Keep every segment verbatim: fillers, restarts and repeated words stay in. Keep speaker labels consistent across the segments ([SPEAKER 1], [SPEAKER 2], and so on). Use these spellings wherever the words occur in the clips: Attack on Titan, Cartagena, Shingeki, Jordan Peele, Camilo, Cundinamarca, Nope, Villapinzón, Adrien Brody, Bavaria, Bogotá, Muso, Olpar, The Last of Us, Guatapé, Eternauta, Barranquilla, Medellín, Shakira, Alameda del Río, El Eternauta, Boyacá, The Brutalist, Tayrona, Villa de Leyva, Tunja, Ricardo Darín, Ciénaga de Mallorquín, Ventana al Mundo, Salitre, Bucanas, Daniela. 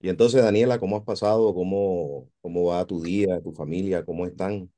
[SPEAKER 1] Y entonces, Daniela, ¿cómo has pasado? ¿Cómo, cómo va tu día, tu familia? ¿Cómo están?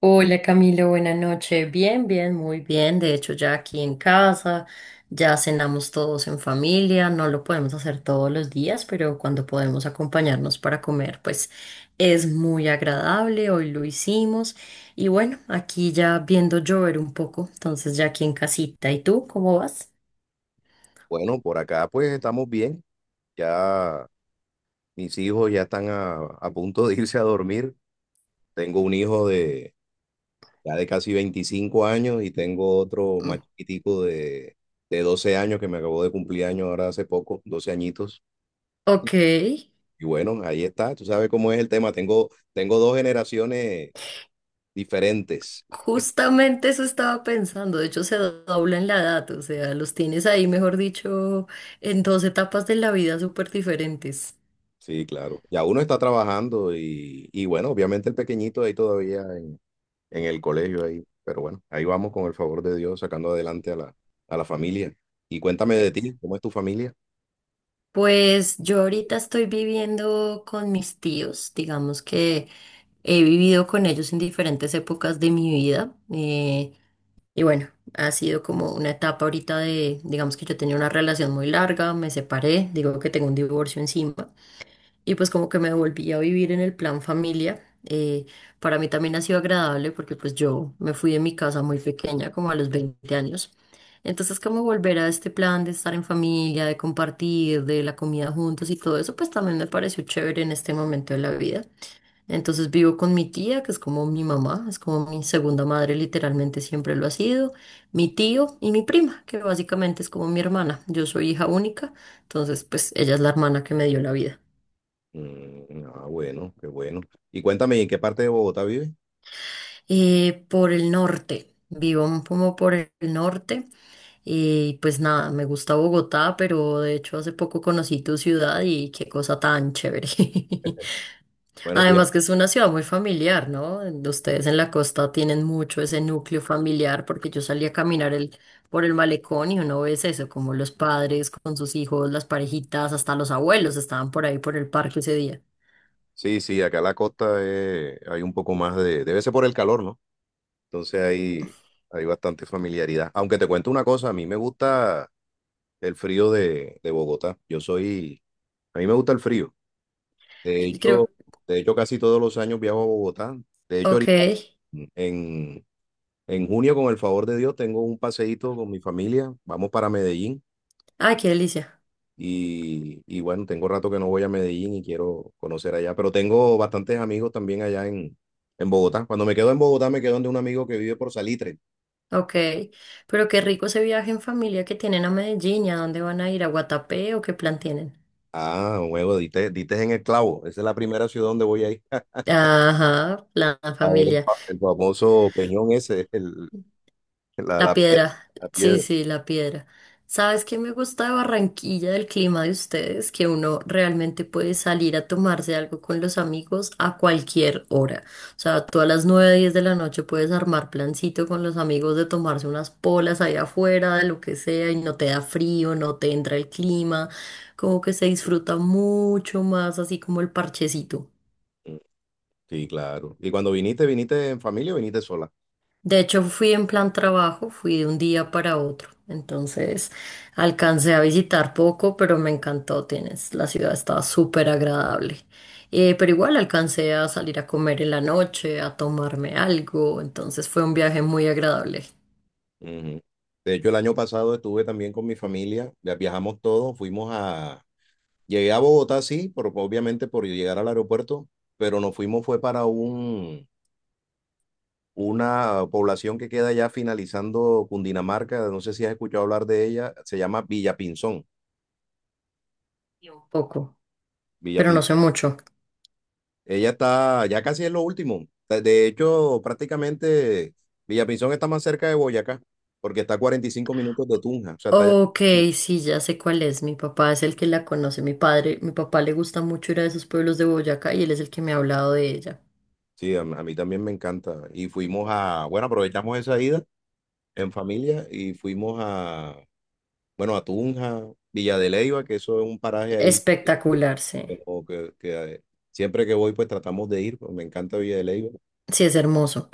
[SPEAKER 2] Hola Camilo, buenas noches. Bien, bien, muy bien. De hecho, ya aquí en casa, ya cenamos todos en familia. No lo podemos hacer todos los días, pero cuando podemos acompañarnos para comer, pues es muy agradable. Hoy lo hicimos. Y bueno, aquí ya viendo llover un poco, entonces ya aquí en casita. ¿Y tú cómo vas?
[SPEAKER 1] Bueno, por acá pues estamos bien. Ya mis hijos ya están a, a punto de irse a dormir. Tengo un hijo de ya de casi veinticinco años y tengo otro
[SPEAKER 2] Mm.
[SPEAKER 1] más chiquitico de, de doce años que me acabó de cumplir años ahora hace poco, doce añitos.
[SPEAKER 2] Ok.
[SPEAKER 1] Y bueno, ahí está. Tú sabes cómo es el tema. Tengo, tengo dos generaciones diferentes.
[SPEAKER 2] Justamente eso estaba pensando, de hecho se dobla en la edad, o sea, los tienes ahí, mejor dicho, en dos etapas de la vida súper diferentes.
[SPEAKER 1] Sí, claro. Ya uno está trabajando y, y bueno, obviamente el pequeñito ahí todavía en, en el colegio ahí, pero bueno, ahí vamos con el favor de Dios sacando adelante a la, a la familia. Y cuéntame de ti, ¿cómo es tu familia?
[SPEAKER 2] Pues yo ahorita estoy viviendo con mis tíos, digamos que he vivido con ellos en diferentes épocas de mi vida eh, y bueno, ha sido como una etapa ahorita de, digamos que yo tenía una relación muy larga, me separé, digo que tengo un divorcio encima. Y pues como que me volví a vivir en el plan familia. Eh, para mí también ha sido agradable porque pues yo me fui de mi casa muy pequeña, como a los veinte años. Entonces como volver a este plan de estar en familia, de compartir, de la comida juntos y todo eso, pues también me pareció chévere en este momento de la vida. Entonces vivo con mi tía, que es como mi mamá, es como mi segunda madre, literalmente siempre lo ha sido, mi tío y mi prima, que básicamente es como mi hermana. Yo soy hija única, entonces pues ella es la hermana que me dio la vida.
[SPEAKER 1] Mm, ah, bueno, qué bueno. Y cuéntame, ¿en qué parte de Bogotá vives?
[SPEAKER 2] Eh, por el norte, vivo un poco por el norte y pues nada, me gusta Bogotá, pero de hecho hace poco conocí tu ciudad y qué cosa tan chévere.
[SPEAKER 1] Bueno, fíjate-
[SPEAKER 2] Además que es una ciudad muy familiar, ¿no? Ustedes en la costa tienen mucho ese núcleo familiar porque yo salí a caminar el, por el malecón y uno ve eso, como los padres con sus hijos, las parejitas, hasta los abuelos estaban por ahí por el parque ese día.
[SPEAKER 1] sí, sí, acá en la costa eh, hay un poco más de, debe ser por el calor, ¿no? Entonces hay, hay bastante familiaridad. Aunque te cuento una cosa, a mí me gusta el frío de, de Bogotá. Yo soy, a mí me gusta el frío. De
[SPEAKER 2] Y
[SPEAKER 1] hecho,
[SPEAKER 2] creo.
[SPEAKER 1] de hecho, casi todos los años viajo a Bogotá. De hecho,
[SPEAKER 2] Ok.
[SPEAKER 1] ahorita mm, en, en junio, con el favor de Dios, tengo un paseíto con mi familia. Vamos para Medellín.
[SPEAKER 2] Ay, qué delicia.
[SPEAKER 1] Y, y bueno, tengo rato que no voy a Medellín y quiero conocer allá. Pero tengo bastantes amigos también allá en, en Bogotá. Cuando me quedo en Bogotá, me quedo donde un amigo que vive por Salitre.
[SPEAKER 2] Ok, pero qué rico ese viaje en familia que tienen a Medellín, ¿y ¿a dónde van a ir? ¿A Guatapé o qué plan tienen?
[SPEAKER 1] Ah, huevo, diste, diste en el clavo. Esa es la primera ciudad donde voy a ir.
[SPEAKER 2] Ajá, plan
[SPEAKER 1] A ver,
[SPEAKER 2] familia.
[SPEAKER 1] el, famoso peñón ese, el, la,
[SPEAKER 2] La
[SPEAKER 1] la piedra,
[SPEAKER 2] piedra,
[SPEAKER 1] la
[SPEAKER 2] sí,
[SPEAKER 1] piedra.
[SPEAKER 2] sí, la piedra. ¿Sabes qué me gusta de Barranquilla, del clima de ustedes? Que uno realmente puede salir a tomarse algo con los amigos a cualquier hora. O sea, tú a las nueve, diez de la noche puedes armar plancito con los amigos de tomarse unas polas ahí afuera, de lo que sea, y no te da frío, no te entra el clima. Como que se disfruta mucho más así como el parchecito.
[SPEAKER 1] Sí, claro. Y cuando viniste, ¿viniste en familia o viniste sola?
[SPEAKER 2] De hecho, fui en plan trabajo, fui de un día para otro. Entonces, alcancé a visitar poco, pero me encantó. Tienes, la ciudad estaba súper agradable. Eh, pero igual alcancé a salir a comer en la noche, a tomarme algo. Entonces, fue un viaje muy agradable.
[SPEAKER 1] Ujú. De hecho, el año pasado estuve también con mi familia, ya viajamos todos, fuimos a... Llegué a Bogotá, sí, por, obviamente por llegar al aeropuerto, pero nos fuimos fue para un, una población que queda ya finalizando Cundinamarca, no sé si has escuchado hablar de ella, se llama Villapinzón.
[SPEAKER 2] Y un poco, pero no
[SPEAKER 1] Villapinzón.
[SPEAKER 2] sé mucho.
[SPEAKER 1] Ella está, ya casi es lo último. De de hecho, prácticamente Villapinzón está más cerca de Boyacá, porque está a cuarenta y cinco minutos de Tunja, o sea, está allá.
[SPEAKER 2] Ok, sí, ya sé cuál es. Mi papá es el que la conoce, mi padre. Mi papá le gusta mucho ir a esos pueblos de Boyacá y él es el que me ha hablado de ella.
[SPEAKER 1] Sí, a, a mí también me encanta. Y fuimos a, bueno, aprovechamos esa ida en familia y fuimos a, bueno, a Tunja, Villa de Leyva, que eso es un paraje ahí,
[SPEAKER 2] Espectacular, sí.
[SPEAKER 1] como que, que, eh, siempre que voy pues tratamos de ir, pues me encanta Villa de Leyva.
[SPEAKER 2] Sí, es hermoso.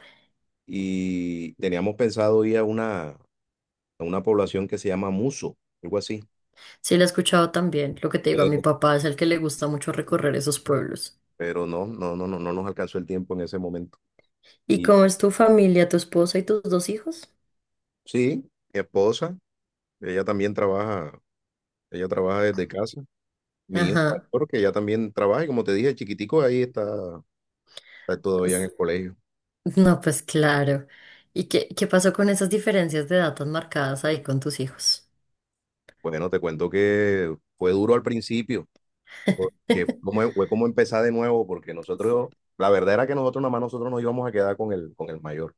[SPEAKER 1] Y teníamos pensado ir a una, a una población que se llama Muso, algo así.
[SPEAKER 2] Sí, la he escuchado también. Lo que te digo, a mi
[SPEAKER 1] Eh,
[SPEAKER 2] papá es el que le gusta mucho recorrer esos pueblos.
[SPEAKER 1] Pero no, no, no, no, no nos alcanzó el tiempo en ese momento.
[SPEAKER 2] ¿Y
[SPEAKER 1] Y
[SPEAKER 2] cómo es tu familia, tu esposa y tus dos hijos?
[SPEAKER 1] sí, mi esposa, ella también trabaja, ella trabaja desde casa. Mi hijo
[SPEAKER 2] Ajá.
[SPEAKER 1] mayor, que ya también trabaja, y como te dije, chiquitico, ahí está, está todavía en
[SPEAKER 2] s-
[SPEAKER 1] el colegio.
[SPEAKER 2] No, pues claro. ¿Y qué, qué pasó con esas diferencias de edad tan marcadas ahí con tus hijos?
[SPEAKER 1] Bueno, te cuento que fue duro al principio, porque fue como, fue como empezar de nuevo, porque nosotros, la verdad era que nosotros nada más nosotros nos íbamos a quedar con el, con el mayor,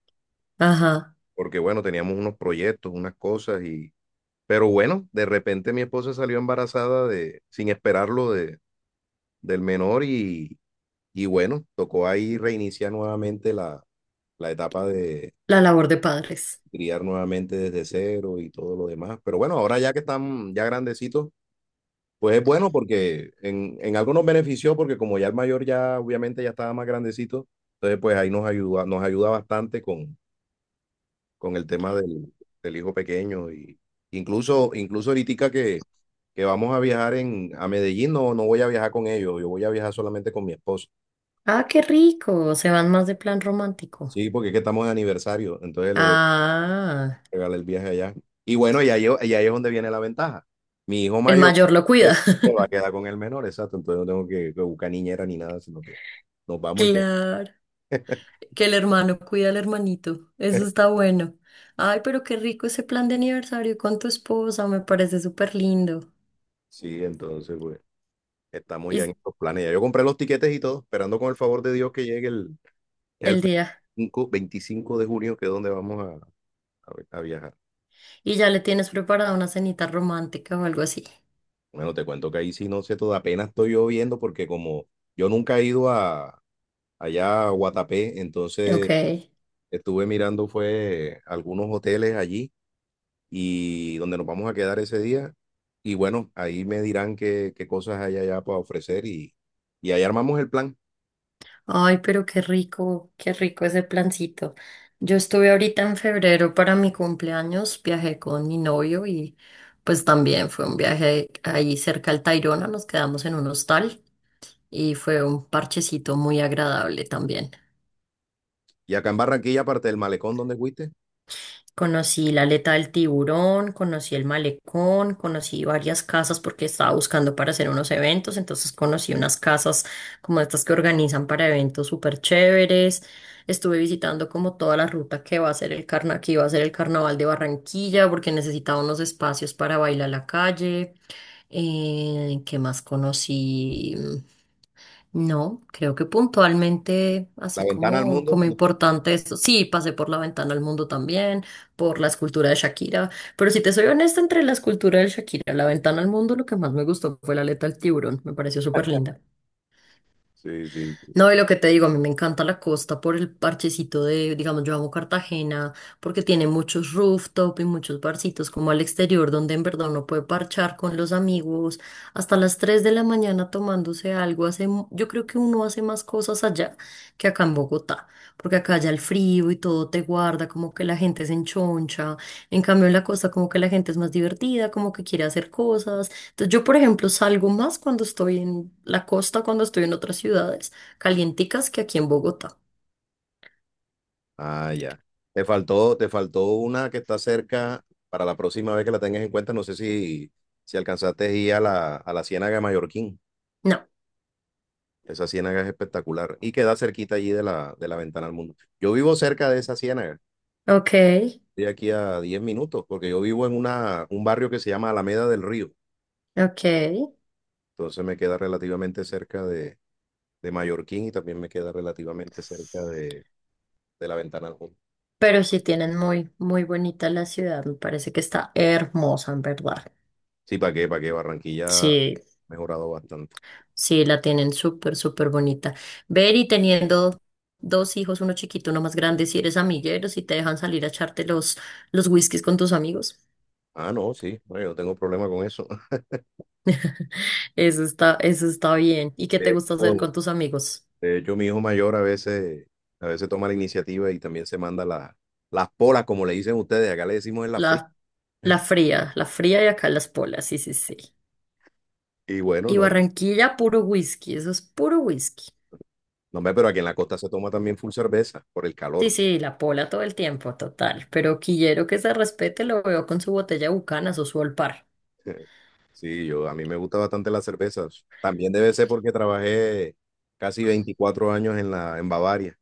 [SPEAKER 2] Ajá.
[SPEAKER 1] porque bueno, teníamos unos proyectos, unas cosas, y, pero bueno, de repente mi esposa salió embarazada de, sin esperarlo de, del menor y, y bueno, tocó ahí reiniciar nuevamente la, la etapa de
[SPEAKER 2] La labor de padres.
[SPEAKER 1] criar nuevamente desde cero y todo lo demás. Pero bueno, ahora ya que están ya grandecitos, pues es bueno porque en, en algo nos benefició porque como ya el mayor ya obviamente ya estaba más grandecito, entonces pues ahí nos ayuda, nos ayuda bastante con, con el tema del, del hijo pequeño y incluso, incluso ahorita que, que vamos a viajar en, a Medellín, no, no voy a viajar con ellos, yo voy a viajar solamente con mi esposo.
[SPEAKER 2] Ah, qué rico. Se van más de plan romántico.
[SPEAKER 1] Sí, porque es que estamos de aniversario, entonces le voy
[SPEAKER 2] Ah,
[SPEAKER 1] regalar el viaje allá. Y bueno, y ahí, y ahí es donde viene la ventaja. Mi hijo
[SPEAKER 2] el
[SPEAKER 1] mayor
[SPEAKER 2] mayor lo
[SPEAKER 1] eh,
[SPEAKER 2] cuida.
[SPEAKER 1] se va a quedar con el menor, exacto. Entonces no tengo que, que buscar niñera ni nada, sino que nos vamos y que.
[SPEAKER 2] Claro. Que el hermano cuida al hermanito. Eso está bueno. Ay, pero qué rico ese plan de aniversario con tu esposa. Me parece súper lindo.
[SPEAKER 1] Sí, entonces, pues, estamos
[SPEAKER 2] Y
[SPEAKER 1] ya en
[SPEAKER 2] s-
[SPEAKER 1] estos planes. Ya yo compré los tiquetes y todo, esperando con el favor de Dios que llegue el, el
[SPEAKER 2] el día.
[SPEAKER 1] veinticinco 25 de junio, que es donde vamos a, a vi- a viajar.
[SPEAKER 2] Y ya le tienes preparada una cenita romántica o algo así.
[SPEAKER 1] Bueno, te cuento que ahí sí no sé todo, apenas estoy yo viendo, porque como yo nunca he ido a, allá a Guatapé, entonces
[SPEAKER 2] Ok.
[SPEAKER 1] estuve mirando, fue algunos hoteles allí y donde nos vamos a quedar ese día. Y bueno, ahí me dirán qué, qué cosas hay allá para ofrecer y, y ahí armamos el plan.
[SPEAKER 2] Ay, pero qué rico, qué rico ese plancito. Yo estuve ahorita en febrero para mi cumpleaños, viajé con mi novio y pues también fue un viaje ahí cerca al Tayrona, nos quedamos en un hostal y fue un parchecito muy agradable también.
[SPEAKER 1] Y acá en Barranquilla, aparte del malecón donde fuiste,
[SPEAKER 2] Conocí la aleta del tiburón, conocí el malecón, conocí varias casas porque estaba buscando para hacer unos eventos, entonces conocí unas casas como estas que organizan para eventos súper chéveres. Estuve visitando como toda la ruta que va a ser el carna, que iba a ser el carnaval de Barranquilla porque necesitaba unos espacios para bailar la calle. Eh, ¿qué más conocí? No, creo que puntualmente,
[SPEAKER 1] la
[SPEAKER 2] así
[SPEAKER 1] ventana al
[SPEAKER 2] como,
[SPEAKER 1] mundo.
[SPEAKER 2] como
[SPEAKER 1] No.
[SPEAKER 2] importante esto. Sí, pasé por la ventana al mundo también, por la escultura de Shakira, pero si te soy honesta, entre la escultura de Shakira y la ventana al mundo, lo que más me gustó fue la aleta del tiburón, me pareció súper linda.
[SPEAKER 1] Sí, sí.
[SPEAKER 2] No, y lo que te digo, a mí me encanta la costa por el parchecito de, digamos, yo amo Cartagena porque tiene muchos rooftop y muchos barcitos como al exterior donde en verdad uno puede parchar con los amigos hasta las tres de la mañana tomándose algo. Hace, mu- yo creo que uno hace más cosas allá que acá en Bogotá, porque acá ya el frío y todo te guarda, como que la gente se enchoncha. En cambio, en la costa como que la gente es más divertida, como que quiere hacer cosas. Entonces, yo, por ejemplo, salgo más cuando estoy en la costa, cuando estoy en otras ciudades calienticas que aquí en Bogotá.
[SPEAKER 1] Ah, ya. Te faltó, te faltó una que está cerca para la próxima vez que la tengas en cuenta. No sé si, si alcanzaste a ir a la, a la Ciénaga de Mallorquín.
[SPEAKER 2] No.
[SPEAKER 1] Esa ciénaga es espectacular y queda cerquita allí de la, de la ventana al mundo. Yo vivo cerca de esa ciénaga.
[SPEAKER 2] Ok,
[SPEAKER 1] De aquí a diez minutos, porque yo vivo en una, un barrio que se llama Alameda del Río.
[SPEAKER 2] ok.
[SPEAKER 1] Entonces me queda relativamente cerca de, de Mallorquín y también me queda relativamente cerca de, de la Ventana al Mundo.
[SPEAKER 2] Pero sí tienen muy, muy bonita la ciudad. Me parece que está hermosa, en verdad.
[SPEAKER 1] Sí, ¿para qué? ¿Para qué? Barranquilla ha
[SPEAKER 2] Sí,
[SPEAKER 1] mejorado bastante.
[SPEAKER 2] sí, la tienen súper, súper bonita. Ver y teniendo dos hijos, uno chiquito, uno más grande, si eres amiguero, si te dejan salir a echarte los, los whiskies con tus amigos.
[SPEAKER 1] Ah, no, sí, bueno, yo no tengo problema con eso.
[SPEAKER 2] Eso está, eso está bien. ¿Y qué
[SPEAKER 1] De
[SPEAKER 2] te gusta hacer
[SPEAKER 1] hecho,
[SPEAKER 2] con tus amigos?
[SPEAKER 1] de hecho, mi hijo mayor a veces, a veces toma la iniciativa y también se manda la- las polas, como le dicen ustedes, acá le decimos en la fría.
[SPEAKER 2] La, la fría, la fría y acá las polas, sí, sí, sí.
[SPEAKER 1] Y bueno,
[SPEAKER 2] Y
[SPEAKER 1] no,
[SPEAKER 2] Barranquilla, puro whisky, eso es puro whisky.
[SPEAKER 1] no, hombre, pero aquí en la costa se toma también full cerveza por el
[SPEAKER 2] Sí,
[SPEAKER 1] calor.
[SPEAKER 2] sí, la pola todo el tiempo, total. Pero quillero que se respete, lo veo con su botella de Bucanas o su Olpar.
[SPEAKER 1] Sí, yo, a mí me gusta bastante las cervezas. También debe ser porque trabajé casi veinticuatro años en la, en Bavaria.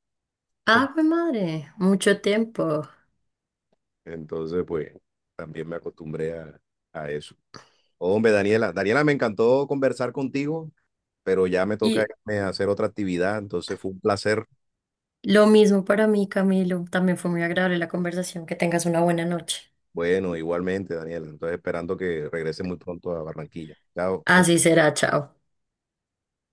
[SPEAKER 2] Ah, pues madre, mucho tiempo.
[SPEAKER 1] Entonces, pues, también me acostumbré a, a eso. Hombre, Daniela, Daniela, me encantó conversar contigo, pero ya me toca
[SPEAKER 2] Y
[SPEAKER 1] irme a hacer otra actividad. Entonces, fue un placer.
[SPEAKER 2] lo mismo para mí, Camilo. También fue muy agradable la conversación. Que tengas una buena noche.
[SPEAKER 1] Bueno, igualmente, Daniela. Entonces, esperando que regrese muy pronto a Barranquilla. Chao.
[SPEAKER 2] Así será, chao.